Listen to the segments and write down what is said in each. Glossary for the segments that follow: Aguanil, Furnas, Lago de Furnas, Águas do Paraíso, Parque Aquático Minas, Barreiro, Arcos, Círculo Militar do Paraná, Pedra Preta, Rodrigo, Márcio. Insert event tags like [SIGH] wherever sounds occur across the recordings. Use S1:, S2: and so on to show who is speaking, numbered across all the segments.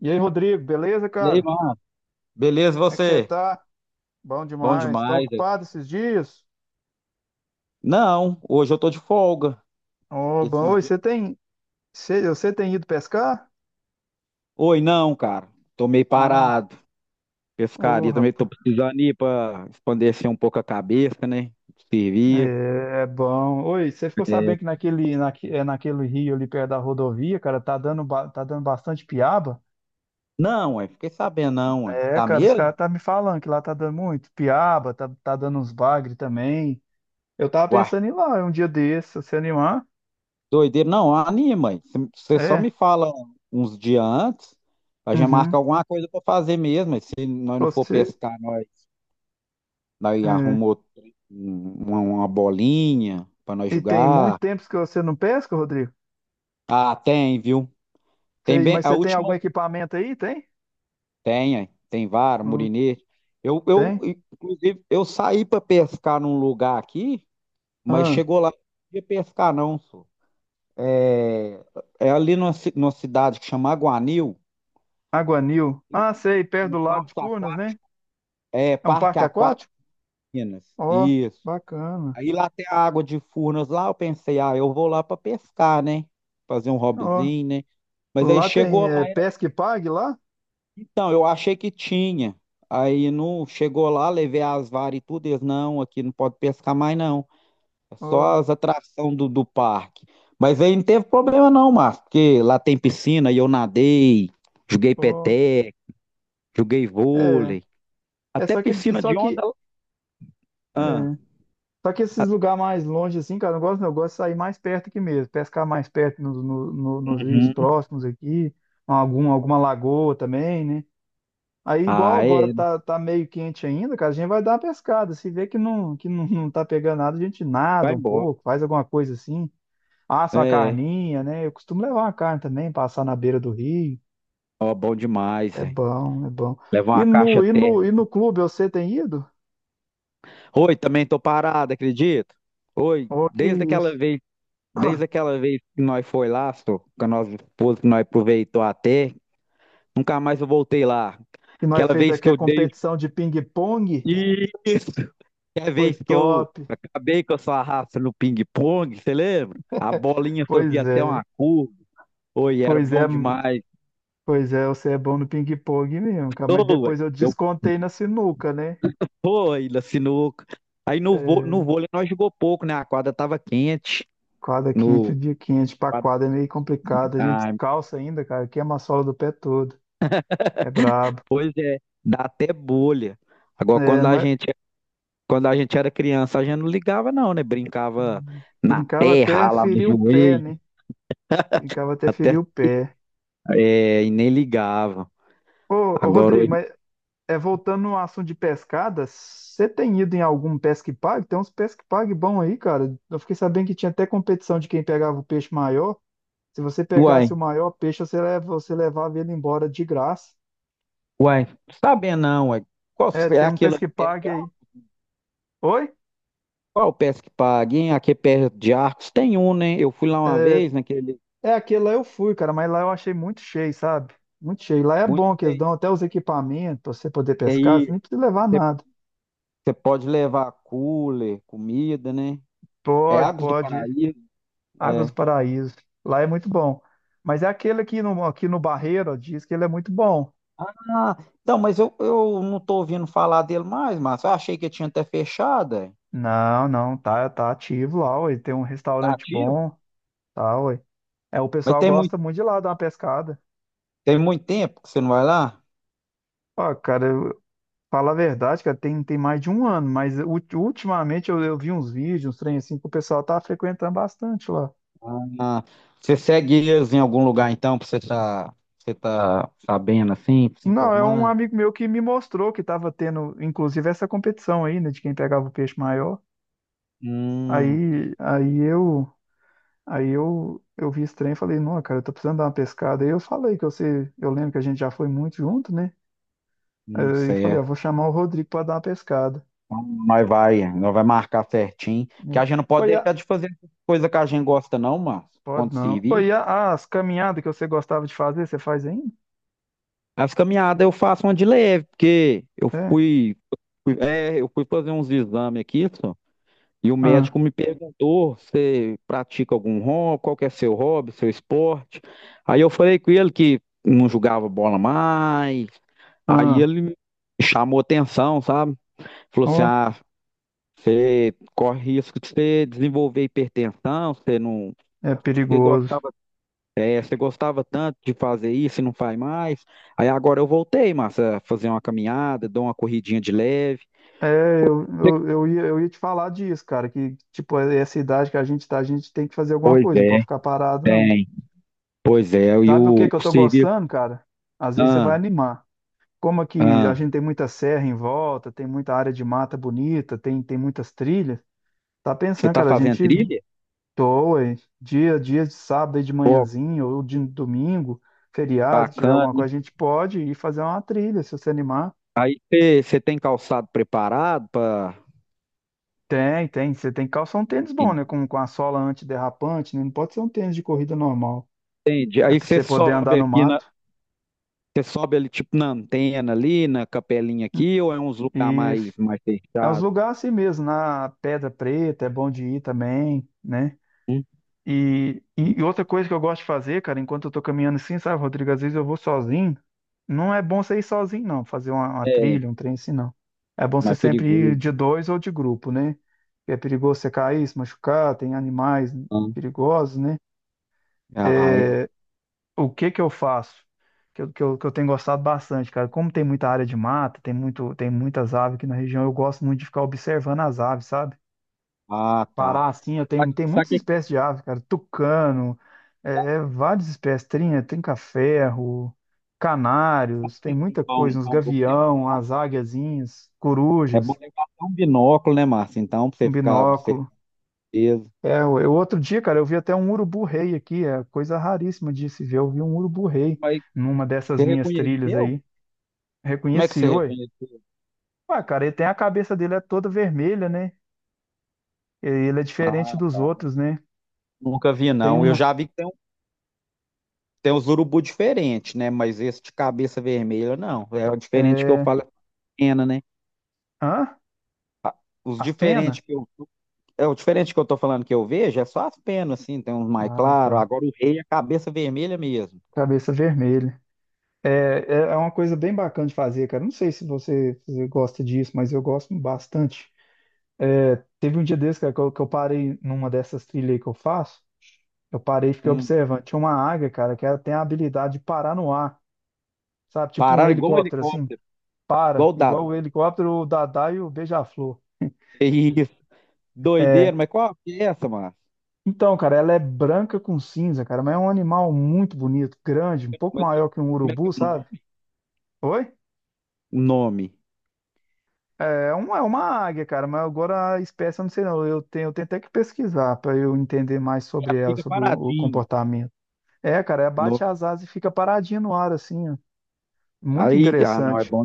S1: E aí, Rodrigo, beleza,
S2: E aí,
S1: cara?
S2: mano? Beleza,
S1: Como é que você
S2: você?
S1: tá? Bom
S2: Bom
S1: demais. Tá
S2: demais, velho.
S1: ocupado esses dias?
S2: Não, hoje eu tô de folga.
S1: Ô, bom,
S2: Esses
S1: oi,
S2: dias.
S1: você tem ido pescar?
S2: Oi, não, cara. Tô meio
S1: Não.
S2: parado.
S1: Ô,
S2: Pescaria também tô
S1: rapaz.
S2: precisando ir pra expandir um pouco a cabeça, né? Servir.
S1: É bom. Oi, você ficou
S2: É,
S1: sabendo que naquele, naque, é naquele rio ali perto da rodovia, cara, tá dando bastante piaba?
S2: não, ué, fiquei sabendo, não, ué.
S1: É,
S2: Tá
S1: cara, os
S2: mesmo?
S1: caras tá me falando que lá tá dando muito piaba, tá dando uns bagre também. Eu tava
S2: Uai,
S1: pensando em ir lá um dia desse, se você animar.
S2: doideira. Não, anima, ué. Você só
S1: É.
S2: me fala uns dias antes, a gente marca
S1: Uhum.
S2: alguma coisa pra fazer mesmo. Ué. Se nós não for
S1: Você.
S2: pescar, nós
S1: É.
S2: arrumamos uma bolinha pra nós
S1: E tem muito
S2: jogar.
S1: tempo que você não pesca, Rodrigo?
S2: Ah, tem, viu? Tem
S1: Sei,
S2: bem,
S1: mas
S2: a
S1: você tem algum
S2: última
S1: equipamento aí? Tem?
S2: tem, é. Tem vara,
S1: Não
S2: murinete. Eu,
S1: tem?
S2: inclusive, eu saí para pescar num lugar aqui, mas
S1: Ah,
S2: chegou lá, não podia pescar não, só. É, é ali numa cidade que chama Aguanil,
S1: Aguanil. Ah, sei, perto
S2: tem um
S1: do Lago de
S2: parque
S1: Furnas, né?
S2: aquático, é,
S1: É um
S2: Parque
S1: parque
S2: Aquático
S1: aquático?
S2: Minas,
S1: Ó,
S2: isso.
S1: bacana.
S2: Aí lá tem a água de Furnas lá, eu pensei, ah, eu vou lá para pescar, né? Fazer um
S1: Ó,
S2: hobbyzinho, né? Mas aí
S1: lá tem
S2: chegou
S1: é,
S2: lá.
S1: pesca e pague lá?
S2: Então, eu achei que tinha. Aí não chegou lá, levei as varas e tudo. Eles, não, aqui não pode pescar mais, não. É só
S1: Ó,
S2: as atrações do parque. Mas aí não teve problema, não, Márcio, porque lá tem piscina e eu nadei, joguei
S1: ó.
S2: peteca, joguei
S1: É,
S2: vôlei.
S1: é
S2: Até piscina
S1: só
S2: de onda.
S1: que, é,
S2: Ah,
S1: só que
S2: ah,
S1: esses lugares mais longe assim, cara, eu não gosto, não. Eu gosto de sair mais perto aqui mesmo, pescar mais perto nos no- no- nos rios
S2: uhum.
S1: próximos aqui, alguma lagoa também, né? Aí, igual
S2: Ah,
S1: agora
S2: é,
S1: tá meio quente ainda, cara, a gente vai dar uma pescada. Se vê que não, não tá pegando nada, a gente nada
S2: vai
S1: um
S2: embora.
S1: pouco, faz alguma coisa assim, assa uma
S2: É,
S1: carninha, né? Eu costumo levar uma carne também, passar na beira do rio.
S2: ó, bom demais,
S1: É
S2: hein?
S1: bom, é bom.
S2: Levar
S1: E
S2: uma caixa
S1: no, e no, e
S2: térmica.
S1: no clube, você tem ido?
S2: Oi, também tô parado, acredito? Oi,
S1: Oh, que
S2: desde
S1: isso.
S2: aquela vez. Desde
S1: [CLEARS THROAT]
S2: aquela vez que nós foi lá, só, com a nossa esposa, que nós aproveitou até, nunca mais eu voltei lá.
S1: E nós
S2: Aquela
S1: fez
S2: vez
S1: aqui
S2: que
S1: a
S2: eu dei.
S1: competição de ping-pong,
S2: Isso! Aquela
S1: foi
S2: vez que eu
S1: top.
S2: acabei com a sua raça no ping-pong, você lembra? A bolinha fazia
S1: Pois
S2: até
S1: é,
S2: uma curva. Oi, era
S1: pois é,
S2: bom demais.
S1: pois é, você é bom no ping-pong mesmo, cara, mas
S2: Ô, ué,
S1: depois eu
S2: eu
S1: descontei na sinuca, né?
S2: fui na sinuca. Aí no
S1: É.
S2: vôlei nós jogou pouco, né? A quadra tava quente.
S1: Quadra quente, o
S2: No,
S1: dia quente. Pra quadra é meio complicado. A gente
S2: ah,
S1: calça ainda, cara. Queima a sola do pé todo. É brabo.
S2: pois é, dá até bolha. Agora,
S1: É,
S2: quando a
S1: mas
S2: gente Quando a gente era criança, a gente não ligava, não, né? Brincava na
S1: brincava
S2: terra,
S1: até
S2: ralava o
S1: ferir o pé,
S2: joelho,
S1: né? Brincava até ferir
S2: até,
S1: o pé.
S2: é, e nem ligava.
S1: Ô, ô
S2: Agora,
S1: Rodrigo,
S2: hoje,
S1: mas é, voltando no assunto de pescada, você tem ido em algum pesque pague? Tem uns pesque pague bom aí, cara. Eu fiquei sabendo que tinha até competição de quem pegava o peixe maior. Se você pegasse o
S2: uai,
S1: maior peixe, você levava ele embora de graça.
S2: uai, sabia não, uai. Qual
S1: É,
S2: é
S1: tem um
S2: aquele ali
S1: pesque
S2: perto de
S1: pague aí.
S2: arco?
S1: Oi?
S2: Qual é o peça que paga, hein? Aqui é perto de Arcos tem um, né? Eu fui lá uma
S1: É,
S2: vez, naquele
S1: É, aquele lá eu fui, cara, mas lá eu achei muito cheio, sabe? Muito cheio. Lá é
S2: muito
S1: bom que eles
S2: cheio.
S1: dão até os equipamentos pra você poder
S2: E
S1: pescar, você
S2: aí,
S1: nem precisa levar nada.
S2: você pode levar cooler, comida, né? É
S1: Pode,
S2: Águas do
S1: pode.
S2: Paraíso,
S1: Águas do
S2: é.
S1: Paraíso. Lá é muito bom. Mas é aquele aqui no Barreiro, ó, diz que ele é muito bom.
S2: Ah, então, mas eu não tô ouvindo falar dele mais, mas eu achei que tinha até fechado, é.
S1: Não, não, tá ativo lá, ué. Tem um
S2: Tá
S1: restaurante
S2: ativo?
S1: bom, tá, ué. É, o
S2: Mas
S1: pessoal gosta muito de lá dar uma pescada.
S2: tem muito tempo que você não vai lá?
S1: Ó, cara, fala a verdade, cara, tem mais de um ano, mas ultimamente eu vi uns vídeos, uns trem assim, que o pessoal tá frequentando bastante lá.
S2: Ah, você segue eles em algum lugar então, você tá sabendo assim, se
S1: Não, é um
S2: informando?
S1: amigo meu que me mostrou que estava tendo, inclusive, essa competição aí, né, de quem pegava o peixe maior.
S2: Hum,
S1: Aí, aí eu, aí eu vi esse trem e falei, não, cara, eu tô precisando dar uma pescada. Aí eu falei que eu sei, eu lembro que a gente já foi muito junto, né?
S2: não
S1: Aí eu
S2: sei,
S1: falei, ah,
S2: é.
S1: vou chamar o Rodrigo para dar uma pescada.
S2: Então, nós vai marcar certinho, porque
S1: Né?
S2: a gente não pode
S1: Oi,
S2: deixar de fazer coisa que a gente gosta não, mano,
S1: pode
S2: quando
S1: não.
S2: servir.
S1: Oi, as caminhadas que você gostava de fazer, você faz ainda?
S2: As caminhadas eu faço uma de leve, porque
S1: É.
S2: eu fui fazer uns exames aqui, só. E o
S1: Ah,
S2: médico me perguntou: você pratica algum hobby? Qual que é seu hobby, seu esporte? Aí eu falei com ele que não jogava bola mais. Aí
S1: ah,
S2: ele me chamou atenção, sabe? Falou assim:
S1: ó,
S2: ah, você corre risco de você desenvolver hipertensão, você não.
S1: é
S2: Você
S1: perigoso.
S2: gostava, você gostava tanto de fazer isso e não faz mais. Aí agora eu voltei, massa, a fazer uma caminhada, dou uma corridinha de leve.
S1: É, eu ia te falar disso, cara, que, tipo, é essa idade que a gente tá, a gente tem que fazer alguma
S2: Pois
S1: coisa, não pode
S2: é,
S1: ficar parado, não.
S2: tem. Pois é, e
S1: Sabe o que
S2: o,
S1: que eu
S2: o
S1: tô
S2: serviço.
S1: gostando, cara? Às vezes você vai
S2: Ah.
S1: animar. Como aqui a
S2: Ah,
S1: gente tem muita serra em volta, tem muita área de mata bonita, tem muitas trilhas, tá
S2: você
S1: pensando,
S2: está
S1: cara, a
S2: fazendo
S1: gente
S2: trilha?
S1: doa hein? Dia de sábado aí de
S2: Pô,
S1: manhãzinho, ou de domingo, feriado, que tiver
S2: bacana.
S1: alguma
S2: Hein?
S1: coisa, a gente pode ir fazer uma trilha, se você animar.
S2: Você tem calçado preparado para,
S1: Tem, tem. Você tem que calçar um tênis bom, né? Com a sola antiderrapante, né? Não pode ser um tênis de corrida normal.
S2: entende?
S1: É
S2: Aí
S1: pra
S2: você
S1: você poder andar
S2: sobe
S1: no
S2: aqui na,
S1: mato.
S2: você sobe ali tipo na antena ali, na capelinha aqui, ou é uns lugar
S1: Isso.
S2: mais
S1: É uns
S2: fechado?
S1: lugares assim mesmo, na Pedra Preta, é bom de ir também, né?
S2: Hum?
S1: E outra coisa que eu gosto de fazer, cara, enquanto eu tô caminhando assim, sabe, Rodrigo, às vezes eu vou sozinho. Não é bom você ir sozinho, não, fazer uma
S2: É,
S1: trilha, um trem assim, não. É bom você
S2: mais
S1: sempre ir
S2: perigoso.
S1: de dois ou de grupo, né? É perigoso você cair, se machucar, tem animais
S2: Né?
S1: perigosos, né?
S2: Ah, é.
S1: O que que eu faço? Que eu tenho gostado bastante, cara. Como tem muita área de mata, tem muitas aves aqui na região, eu gosto muito de ficar observando as aves, sabe?
S2: Ah, tá.
S1: Pará assim, eu
S2: Sabe
S1: tenho, tem
S2: sabe
S1: muitas
S2: o que
S1: espécies de aves, cara. Tucano, várias espécies. Trinca-ferro,
S2: sabe
S1: canários,
S2: o
S1: tem
S2: que que é
S1: muita
S2: bom
S1: coisa. Uns
S2: então pra você? Né?
S1: gavião, as águiazinhas,
S2: É bom
S1: corujas,
S2: levar até um binóculo, né, Márcio? Então, pra
S1: um
S2: você ficar
S1: binóculo.
S2: observando.
S1: É, outro dia, cara, eu vi até um urubu-rei aqui, é coisa raríssima de se ver. Eu vi um urubu-rei
S2: Mas
S1: numa dessas
S2: você
S1: minhas trilhas
S2: reconheceu?
S1: aí.
S2: Como é que você
S1: Reconheci, oi.
S2: reconheceu?
S1: Ah, cara, ele tem a cabeça dele é toda vermelha, né? Ele é diferente dos outros, né?
S2: Nunca vi,
S1: Tem
S2: não. Eu
S1: uma.
S2: já vi que tem, tem uns urubu diferentes, né? Mas esse de cabeça vermelha, não. É o diferente que eu
S1: É...
S2: falo, é pena, né?
S1: Hã?
S2: Ah, os
S1: As penas?
S2: diferentes que eu. É o diferente que eu tô falando que eu vejo, é só as penas, assim, tem uns mais
S1: Ah,
S2: claros.
S1: tá.
S2: Agora o rei é cabeça vermelha mesmo.
S1: Cabeça vermelha. É, é uma coisa bem bacana de fazer, cara. Não sei se você gosta disso, mas eu gosto bastante. É, teve um dia desse, cara, que eu parei numa dessas trilhas aí que eu faço. Eu parei e fiquei
S2: Hum.
S1: observando. Tinha uma águia, cara, que ela tem a habilidade de parar no ar, sabe? Tipo um
S2: Parar igual um
S1: helicóptero, assim.
S2: helicóptero, igual
S1: Para,
S2: o
S1: igual
S2: dado.
S1: o helicóptero, o Dadá e o Beija-Flor.
S2: É isso.
S1: É,
S2: Doideira, mas qual que é essa, mano?
S1: então, cara, ela é branca com cinza, cara, mas é um animal muito bonito, grande, um pouco
S2: Mas
S1: maior que um
S2: como é que é
S1: urubu,
S2: o
S1: sabe?
S2: nome?
S1: Oi?
S2: O nome.
S1: É uma águia, cara, mas agora a espécie eu não sei não. Eu tenho até que pesquisar para eu entender mais sobre
S2: Ela
S1: ela,
S2: fica
S1: sobre o
S2: paradinha.
S1: comportamento. É, cara, ela bate
S2: No.
S1: as asas e fica paradinha no ar, assim, ó. Muito
S2: Aí, ah, não, é
S1: interessante.
S2: bom.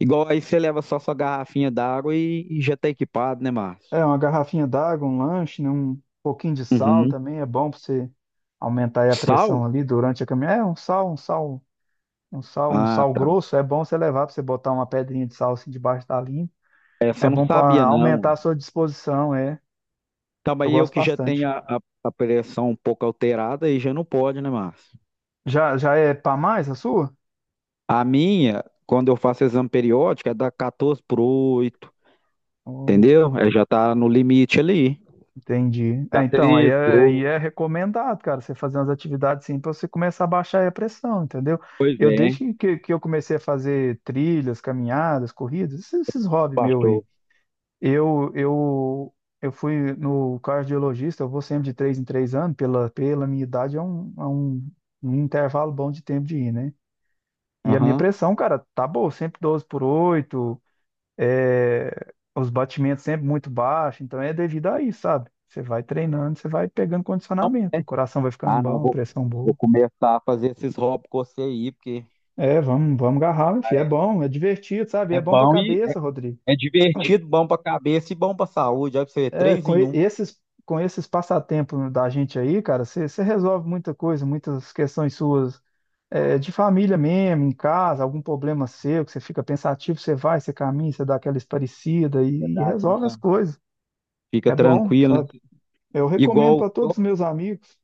S2: Igual aí você leva só sua garrafinha d'água e já tá equipado, né, Márcio?
S1: É, uma garrafinha d'água, um lanche, né, um pouquinho de sal
S2: Uhum.
S1: também é bom para você aumentar aí a
S2: Sal?
S1: pressão ali durante a caminhada. Um sal,
S2: Ah, tá.
S1: grosso é bom você levar para você botar uma pedrinha de sal assim debaixo da língua.
S2: É, essa
S1: É
S2: eu não
S1: bom para
S2: sabia, não.
S1: aumentar a sua disposição, é.
S2: Então,
S1: Eu
S2: aí eu
S1: gosto
S2: que já
S1: bastante.
S2: tenho a pressão um pouco alterada, aí já não pode, né, Márcio?
S1: Já é para mais a sua?
S2: A minha, quando eu faço exame periódico, é da 14 por oito,
S1: Hum,
S2: entendeu? É, já tá no limite ali.
S1: Entendi. É,
S2: Tá
S1: então, aí
S2: 13 por
S1: é, aí
S2: 8.
S1: é recomendado, cara, você fazer umas atividades assim para você começar a baixar aí a pressão, entendeu?
S2: Pois
S1: Eu
S2: é,
S1: desde que eu comecei a fazer trilhas, caminhadas, corridas, esses hobbies meus aí.
S2: baixou.
S1: Eu, eu, eu fui no cardiologista, eu vou sempre de 3 em 3 anos, pela minha idade é um, um intervalo bom de tempo de ir, né? E a minha
S2: Aham.
S1: pressão, cara, tá boa, sempre 12 por 8. É, os batimentos sempre muito baixos, então é devido a isso, sabe? Você vai treinando, você vai pegando condicionamento, o coração vai ficando
S2: Ah, não,
S1: bom, a
S2: vou,
S1: pressão
S2: vou
S1: boa.
S2: começar a fazer esses rótulos com você aí, porque
S1: É, vamos agarrar, enfim, é bom, é divertido, sabe? É
S2: é
S1: bom pra
S2: bom e
S1: cabeça, Rodrigo.
S2: é divertido, bom pra cabeça e bom pra saúde. Olha pra você ver,
S1: É,
S2: três
S1: com
S2: em
S1: e-
S2: um.
S1: esses, com esses passatempos da gente aí, cara, você resolve muita coisa, muitas questões suas, é, de família mesmo, em casa, algum problema seu, que você fica pensativo, você vai, você caminha, você dá aquela esparecida e
S2: Verdade
S1: resolve as
S2: mesmo.
S1: coisas.
S2: Fica
S1: É bom,
S2: tranquilo, né?
S1: sabe? Eu recomendo
S2: Igual,
S1: para todos os meus amigos.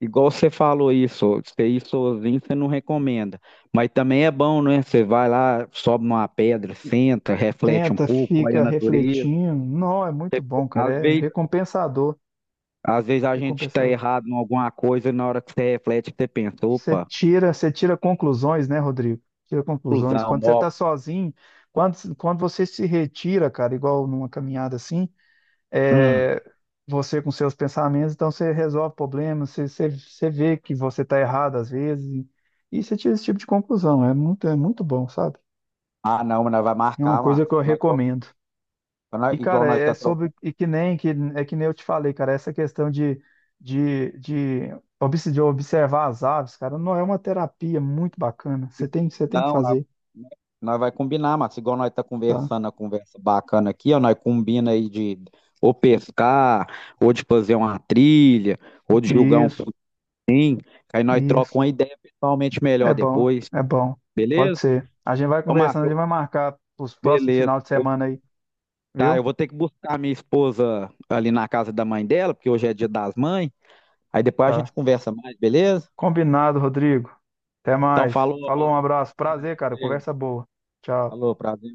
S2: igual você falou isso, você ir sozinho você não recomenda. Mas também é bom, né? Você vai lá, sobe numa pedra, senta, reflete um
S1: Tenta,
S2: pouco, olha a
S1: fica
S2: natureza.
S1: refletindo. Não, é muito bom, cara.
S2: Às
S1: É
S2: vezes,
S1: recompensador.
S2: às vezes a gente tá
S1: Recompensador.
S2: errado em alguma coisa e na hora que você reflete, você pensa,
S1: Você
S2: opa,
S1: tira, você tira conclusões, né, Rodrigo? Tira conclusões.
S2: ilusão,
S1: Quando você
S2: ó.
S1: está sozinho, quando você se retira, cara, igual numa caminhada assim,
S2: Hum.
S1: é, você com seus pensamentos, então você resolve problemas, você vê que você está errado às vezes, e você tira esse tipo de conclusão. É muito bom, sabe?
S2: Ah, não, mas nós vai
S1: É uma
S2: marcar, mas
S1: coisa que eu
S2: nós, tro-
S1: recomendo. E,
S2: nós- igual
S1: cara,
S2: nós
S1: é
S2: tá
S1: sobre. E que nem, que, é que nem eu te falei, cara, essa questão de, de, de observar as aves, cara, não é uma terapia muito bacana.
S2: E-
S1: Você tem que
S2: Não, nós,
S1: fazer,
S2: nós vai combinar, Márcio. Igual nós tá
S1: tá?
S2: conversando, a conversa bacana aqui, ó, nós combina aí de ou pescar, ou de fazer uma trilha, ou de julgar um
S1: Isso,
S2: pudim, aí nós trocamos
S1: isso.
S2: uma ideia pessoalmente
S1: É
S2: melhor
S1: bom,
S2: depois,
S1: é bom. Pode
S2: beleza?
S1: ser. A gente vai
S2: Ô,
S1: conversando, a
S2: Márcio,
S1: gente vai marcar os próximos
S2: beleza.
S1: final de semana aí,
S2: Tá, eu
S1: viu?
S2: vou ter que buscar minha esposa ali na casa da mãe dela, porque hoje é dia das mães. Aí depois a gente
S1: Tá.
S2: conversa mais, beleza?
S1: Combinado, Rodrigo. Até
S2: Então
S1: mais.
S2: falou,
S1: Falou, um
S2: Márcio.
S1: abraço. Prazer, cara.
S2: Valeu.
S1: Conversa boa. Tchau.
S2: Falou, prazer.